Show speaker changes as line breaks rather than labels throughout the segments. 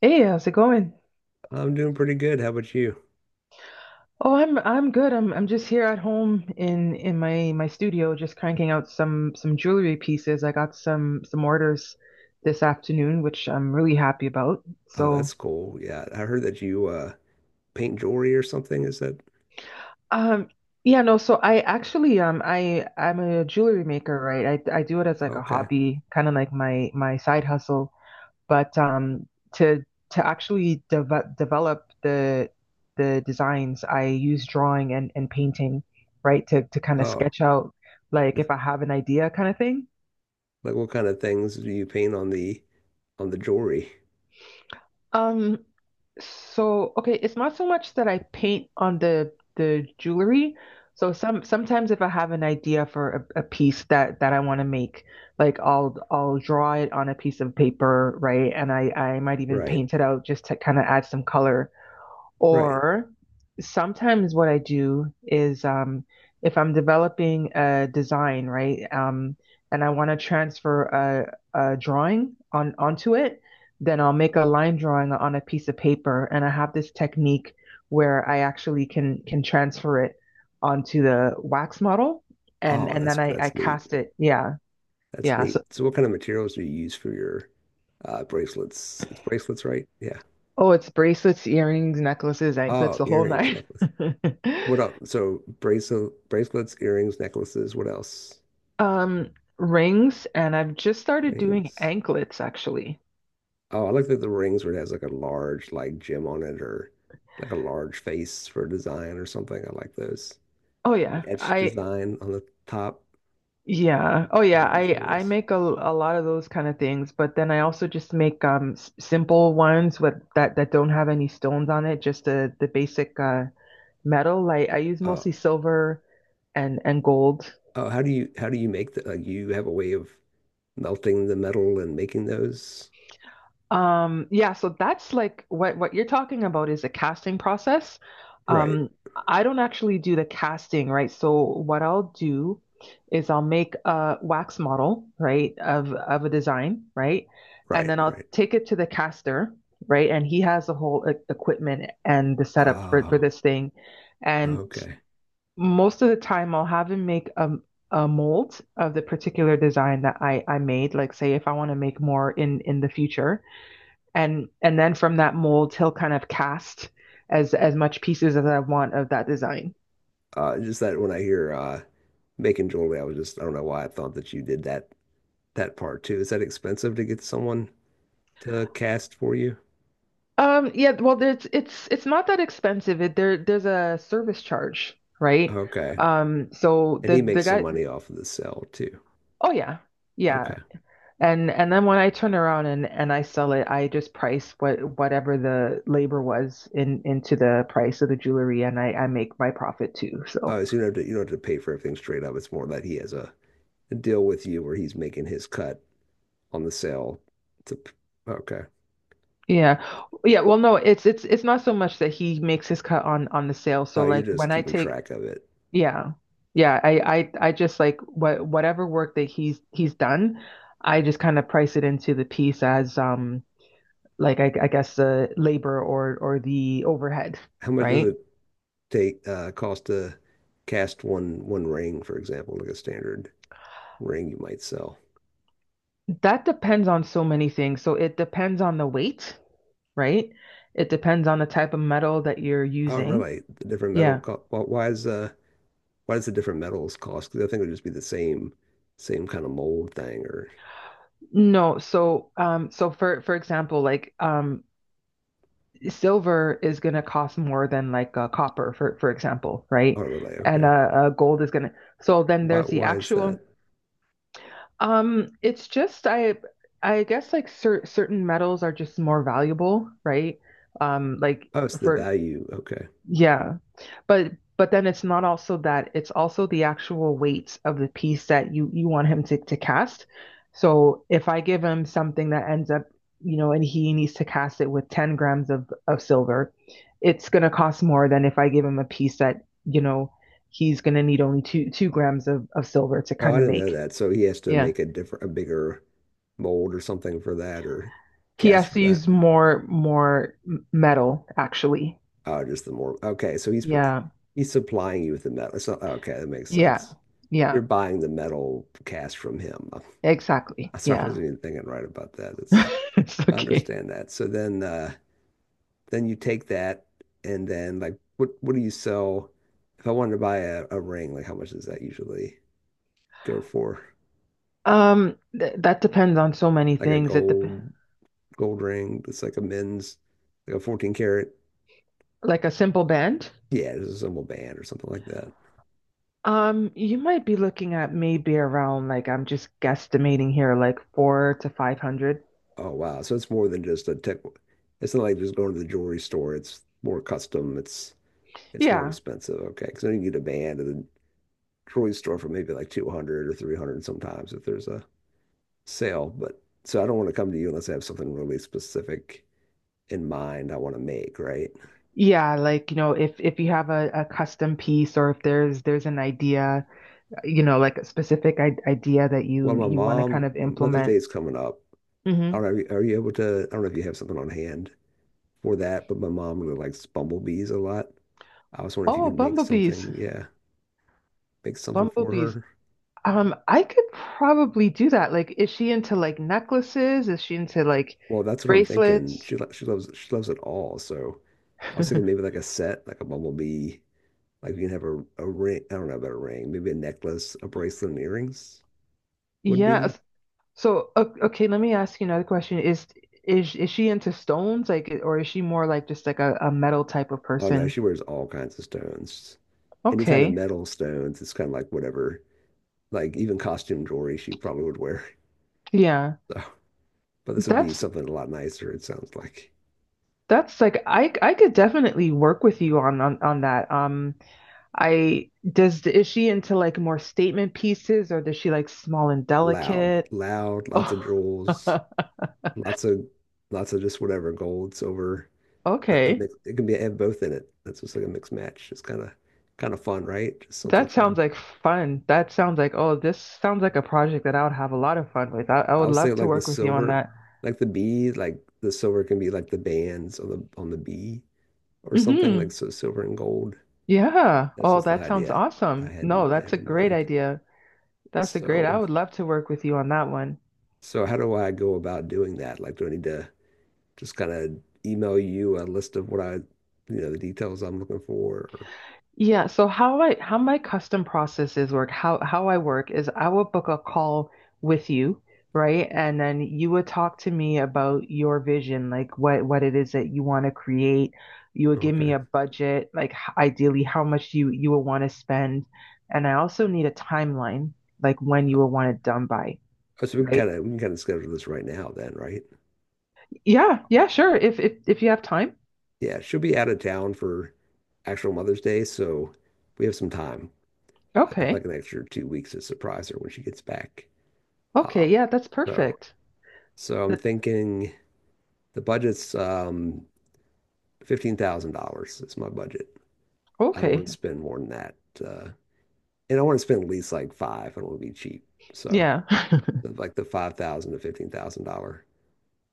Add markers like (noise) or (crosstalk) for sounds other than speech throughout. Hey, how's it going?
I'm doing pretty good. How about you?
Oh, I'm good. I'm just here at home in my studio, just cranking out some jewelry pieces. I got some orders this afternoon, which I'm really happy about.
Oh,
So,
that's cool. Yeah, I heard that you paint jewelry or something. Is that
um, yeah, no. So I actually I'm a jewelry maker, right? I do it as like a
okay?
hobby, kind of like my side hustle. But to to actually develop the designs, I use drawing and painting, right? To kind of
Oh,
sketch out like
like
if I have an idea kind of thing.
like what kind of things do you paint on the jewelry?
Um, so okay, it's not so much that I paint on the jewelry. So sometimes if I have an idea for a piece that I want to make, like I'll draw it on a piece of paper, right? And I might even
Right,
paint it out just to kind of add some color.
right.
Or sometimes what I do is if I'm developing a design, right, and I want to transfer a drawing on onto it, then I'll make a line drawing on a piece of paper, and I have this technique where I actually can transfer it onto the wax model, and
Oh,
and
that's
then I
that's neat.
cast it. Yeah,
That's
yeah.
neat.
So
So what kind of materials do you use for your bracelets? It's bracelets, right? Yeah.
oh, it's bracelets, earrings, necklaces, anklets,
Oh,
the whole
earrings,
nine.
necklace.
(laughs)
What else? So bracelets, earrings, necklaces. What else?
Um, Rings, and I've just started doing
Rings.
anklets actually.
Oh, I like that the rings where it has like a large like gem on it or like a large face for a design or something. I like those.
Oh
An
yeah,
etched
I
design on the top.
yeah. Oh yeah,
You do
I
some of
I
this.
make a lot of those kind of things, but then I also just make s simple ones with that don't have any stones on it, just the basic metal. Like I use
Oh,
mostly silver and gold.
oh, how do you make the like you have a way of melting the metal and making those?
Yeah, so that's like what you're talking about is a casting process.
Right,
Um, I don't actually do the casting, right? So what I'll do is I'll make a wax model, right, of a design, right? And
right,
then I'll
right.
take it to the caster, right? And he has the whole equipment and the setup for
Oh,
this thing. And
okay.
most of the time I'll have him make a mold of the particular design that I made, like say if I want to make more in the future and then from that mold he'll kind of cast as much pieces as I want of that design.
Just that when I hear making jewelry, I was just I don't know why I thought that you did that part too. Is that expensive to get someone to cast for you?
Yeah, well, it's not that expensive. It, there there's a service charge, right?
Okay.
So
And
the
he
the
makes some
guy,
money off of the sale too.
oh yeah, yeah,
Okay.
and then when I turn around and I sell it, I just price whatever the labor was in into the price of the jewelry, and I make my profit too. So
Oh, so you don't have to pay for everything straight up. It's more that he has a deal with you where he's making his cut on the sale to, okay.
yeah. Yeah, well no, it's not so much that he makes his cut on the sale. So
Oh, you're
like
just
when I
keeping
take
track of it.
yeah. Yeah, I just like whatever work that he's done, I just kind of price it into the piece as like I guess the labor or the overhead,
How much does
right?
it take cost to cast one ring, for example, like a standard ring you might sell?
That depends on so many things. So it depends on the weight, right? It depends on the type of metal that you're
Oh,
using.
really? The different metal
Yeah.
co why does the different metals cost? Because I think it would just be the same kind of mold thing or
No, so for example, like silver is going to cost more than like copper, for example,
oh,
right?
really?
And
Okay.
gold is going to. So then
Why
there's the
why is that?
actual. It's just I guess like certain metals are just more valuable, right? Like
Oh, it's the
for
value. Okay.
yeah. But then it's not also that, it's also the actual weight of the piece that you want him to cast. So if I give him something that ends up, you know, and he needs to cast it with 10 grams of silver, it's going to cost more than if I give him a piece that, you know, he's going to need only 2 grams of silver to
Oh, I
kind of
didn't know
make.
that. So he has to
Yeah.
make a bigger mold or something for that or
He
cast
has
for
to
that.
use more metal actually.
Oh, just the more. Okay. So
Yeah.
he's supplying you with the metal. So, okay. That makes
Yeah.
sense.
Yeah.
You're buying the metal cast from him.
Exactly.
(laughs) Sorry, I
Yeah.
wasn't even thinking right about that.
(laughs) It's
I
okay.
understand that. So then you take that and then like, what do you sell? If I wanted to buy a ring, like how much does that usually go for?
Th That depends on so many
Like a
things. It dep
gold ring. It's like a men's, like a 14 karat.
Like a simple band.
Yeah, it's a symbol band or something like that.
You might be looking at maybe around like I'm just guesstimating here, like four to five hundred.
Oh, wow. So it's more than just a tech. It's not like just going to the jewelry store. It's more custom. It's more
Yeah.
expensive. Okay. Because then you can get a band at the jewelry store for maybe like 200 or 300 sometimes if there's a sale. But so I don't want to come to you unless I have something really specific in mind I want to make, right?
Yeah, like you know, if you have a custom piece or if there's an idea, you know, like a specific I idea that
Well,
you
my
you want to kind
mom,
of
Mother's
implement.
Day is coming up.
Hmm.
I don't know, are you able to? I don't know if you have something on hand for that, but my mom really likes bumblebees a lot. I was wondering if you
Oh,
could make
bumblebees.
something, yeah, make something for
Bumblebees.
her.
I could probably do that. Like, is she into like necklaces? Is she into like
Well, that's what I'm thinking.
bracelets?
She loves it all. So I was thinking
(laughs)
maybe like a set, like a bumblebee. Like we can have a ring. I don't know about a ring. Maybe a necklace, a bracelet, and earrings would
Yeah.
be.
So, okay, let me ask you another question. Is she into stones, like, or is she more like just like a metal type of
Oh no,
person?
she wears all kinds of stones. Any kind of
Okay.
metal stones. It's kind of like whatever. Like even costume jewelry she probably would wear.
Yeah.
(laughs) So, but this would be
That's
something a lot nicer, it sounds like.
that's like I could definitely work with you on that. I does is she into like more statement pieces, or does she like small and
Loud,
delicate?
loud, lots of
Oh,
jewels,
(laughs)
lots of lots of just whatever gold, silver. A
okay.
mix, it can be have both in it. That's just like a mixed match. It's kind of fun, right? Just something
That sounds
fun.
like fun. That sounds like, oh, this sounds like a project that I would have a lot of fun with. I
I
would
was
love
thinking
to
like the
work with you on
silver,
that.
like the B, like the silver can be like the bands on the B or something like
Hmm.
so silver and gold.
Yeah.
That's
Oh,
just the
that sounds
idea I
awesome.
had
No, that's a
in
great
mind.
idea. That's a great. I
So
would love to work with you on that one.
so how do I go about doing that? Like, do I need to? Just kind of email you a list of what I, the details I'm looking for.
Yeah, so how my custom processes work, how I work is I will book a call with you, right? And then you would talk to me about your vision, like what it is that you want to create. You would
Or,
give me
okay.
a budget, like ideally how much you would want to spend. And I also need a timeline, like when you
Oh,
would want it done by,
so we can
right?
kind of schedule this right now then, right?
Yeah, yeah, sure. If you have time.
Yeah, she'll be out of town for actual Mother's Day, so we have some time. I have
Okay.
like an extra 2 weeks to surprise her when she gets back.
Okay.
Um,
Yeah, that's
so
perfect.
so I'm
That,
thinking the budget's $15,000 is my budget. I don't want
okay.
to spend more than that. Uh, and I want to spend at least like five. I don't want to be cheap. So
Yeah. (laughs)
like the $5,000 to $15,000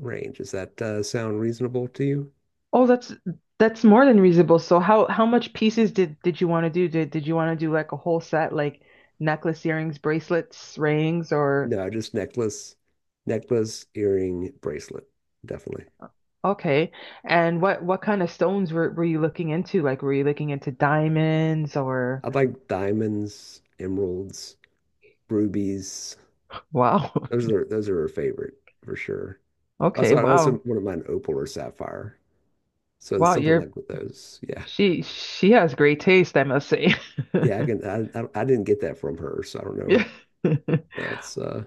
range. Does that sound reasonable to you?
Oh, that's more than reasonable. So how much pieces did you want to do? Did you want to do like a whole set, like necklace, earrings, bracelets, rings, or
No, just necklace, earring, bracelet, definitely.
okay. And what kind of stones were you looking into? Like were you looking into diamonds or
I'd like diamonds, emeralds, rubies.
wow. (laughs)
Those are her favorite for sure. Also,
Okay,
I also
wow.
wouldn't mind opal or sapphire. So
Wow,
something
you're
like with those. Yeah,
she has great taste, I must say.
yeah. I can. I didn't get that from her, so I don't know.
(laughs) Yeah. (laughs)
That's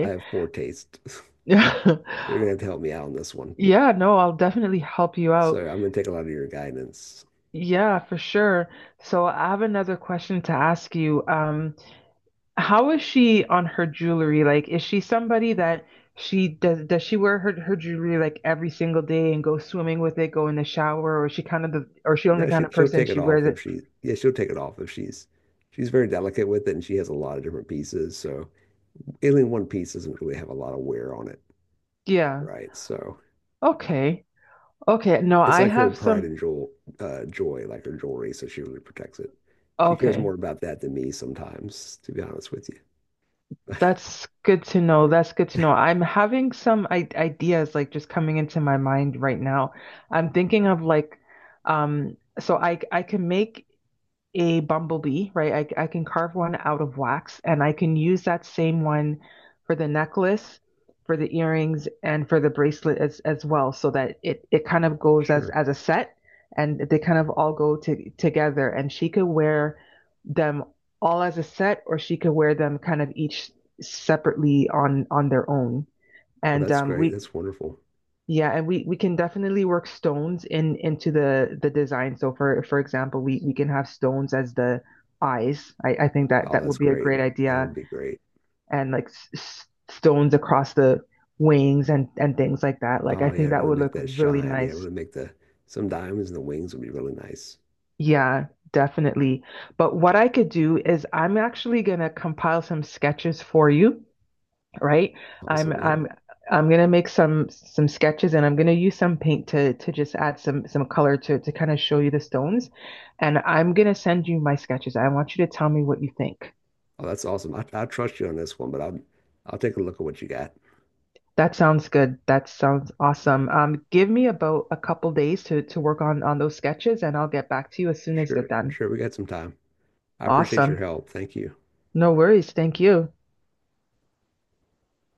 I have poor taste.
Yeah.
(laughs) They're gonna
(laughs)
have to help me out on this one.
Yeah, no, I'll definitely help you
So
out.
I'm gonna take a lot of your guidance.
Yeah, for sure. So I have another question to ask you. How is she on her jewelry? Like, is she somebody that she does she wear her jewelry like every single day and go swimming with it, go in the shower, or is she kind of the or is she only
No, she
kind of
she'll
person
take it
she
off
wears
if
it?
she yeah, she'll take it off if she's very delicate with it and she has a lot of different pieces. So any one piece doesn't really have a lot of wear on it,
Yeah.
right? So
Okay. Okay. No,
it's
I
like her
have
pride
some.
and jewel joy, like her jewelry, so she really protects it. She cares more
Okay.
about that than me sometimes, to be honest with you. (laughs)
That's good to know. That's good to know. I'm having some I ideas like just coming into my mind right now. I'm thinking of like so I can make a bumblebee, right? I can carve one out of wax and I can use that same one for the necklace, for the earrings, and for the bracelet as well, so that it kind of goes as,
Sure.
as a set and they kind of all go together. And she could wear them all as a set or she could wear them kind of each separately on their own.
Oh,
And
that's great. That's wonderful.
yeah, and we can definitely work stones in into the design. So for example, we can have stones as the eyes. I think that
Oh,
that would
that's
be a
great.
great
That would
idea,
be great.
and like stones across the wings and things like that. Like I
Oh yeah,
think that
really
would
make
look
that
really
shine. Yeah,
nice.
really make the some diamonds in the wings would be really nice.
Yeah, definitely. But what I could do is I'm actually gonna compile some sketches for you. Right? I'm
Awesome. Yeah.
I'm I'm gonna make some sketches and I'm gonna use some paint to just add some color to kind of show you the stones. And I'm gonna send you my sketches. I want you to tell me what you think.
Oh, that's awesome. I trust you on this one, but I'll take a look at what you got.
That sounds good. That sounds awesome. Give me about a couple days to work on those sketches and I'll get back to you as soon as they're
Sure,
done.
sure. We got some time. I appreciate your
Awesome.
help. Thank you.
No worries. Thank you.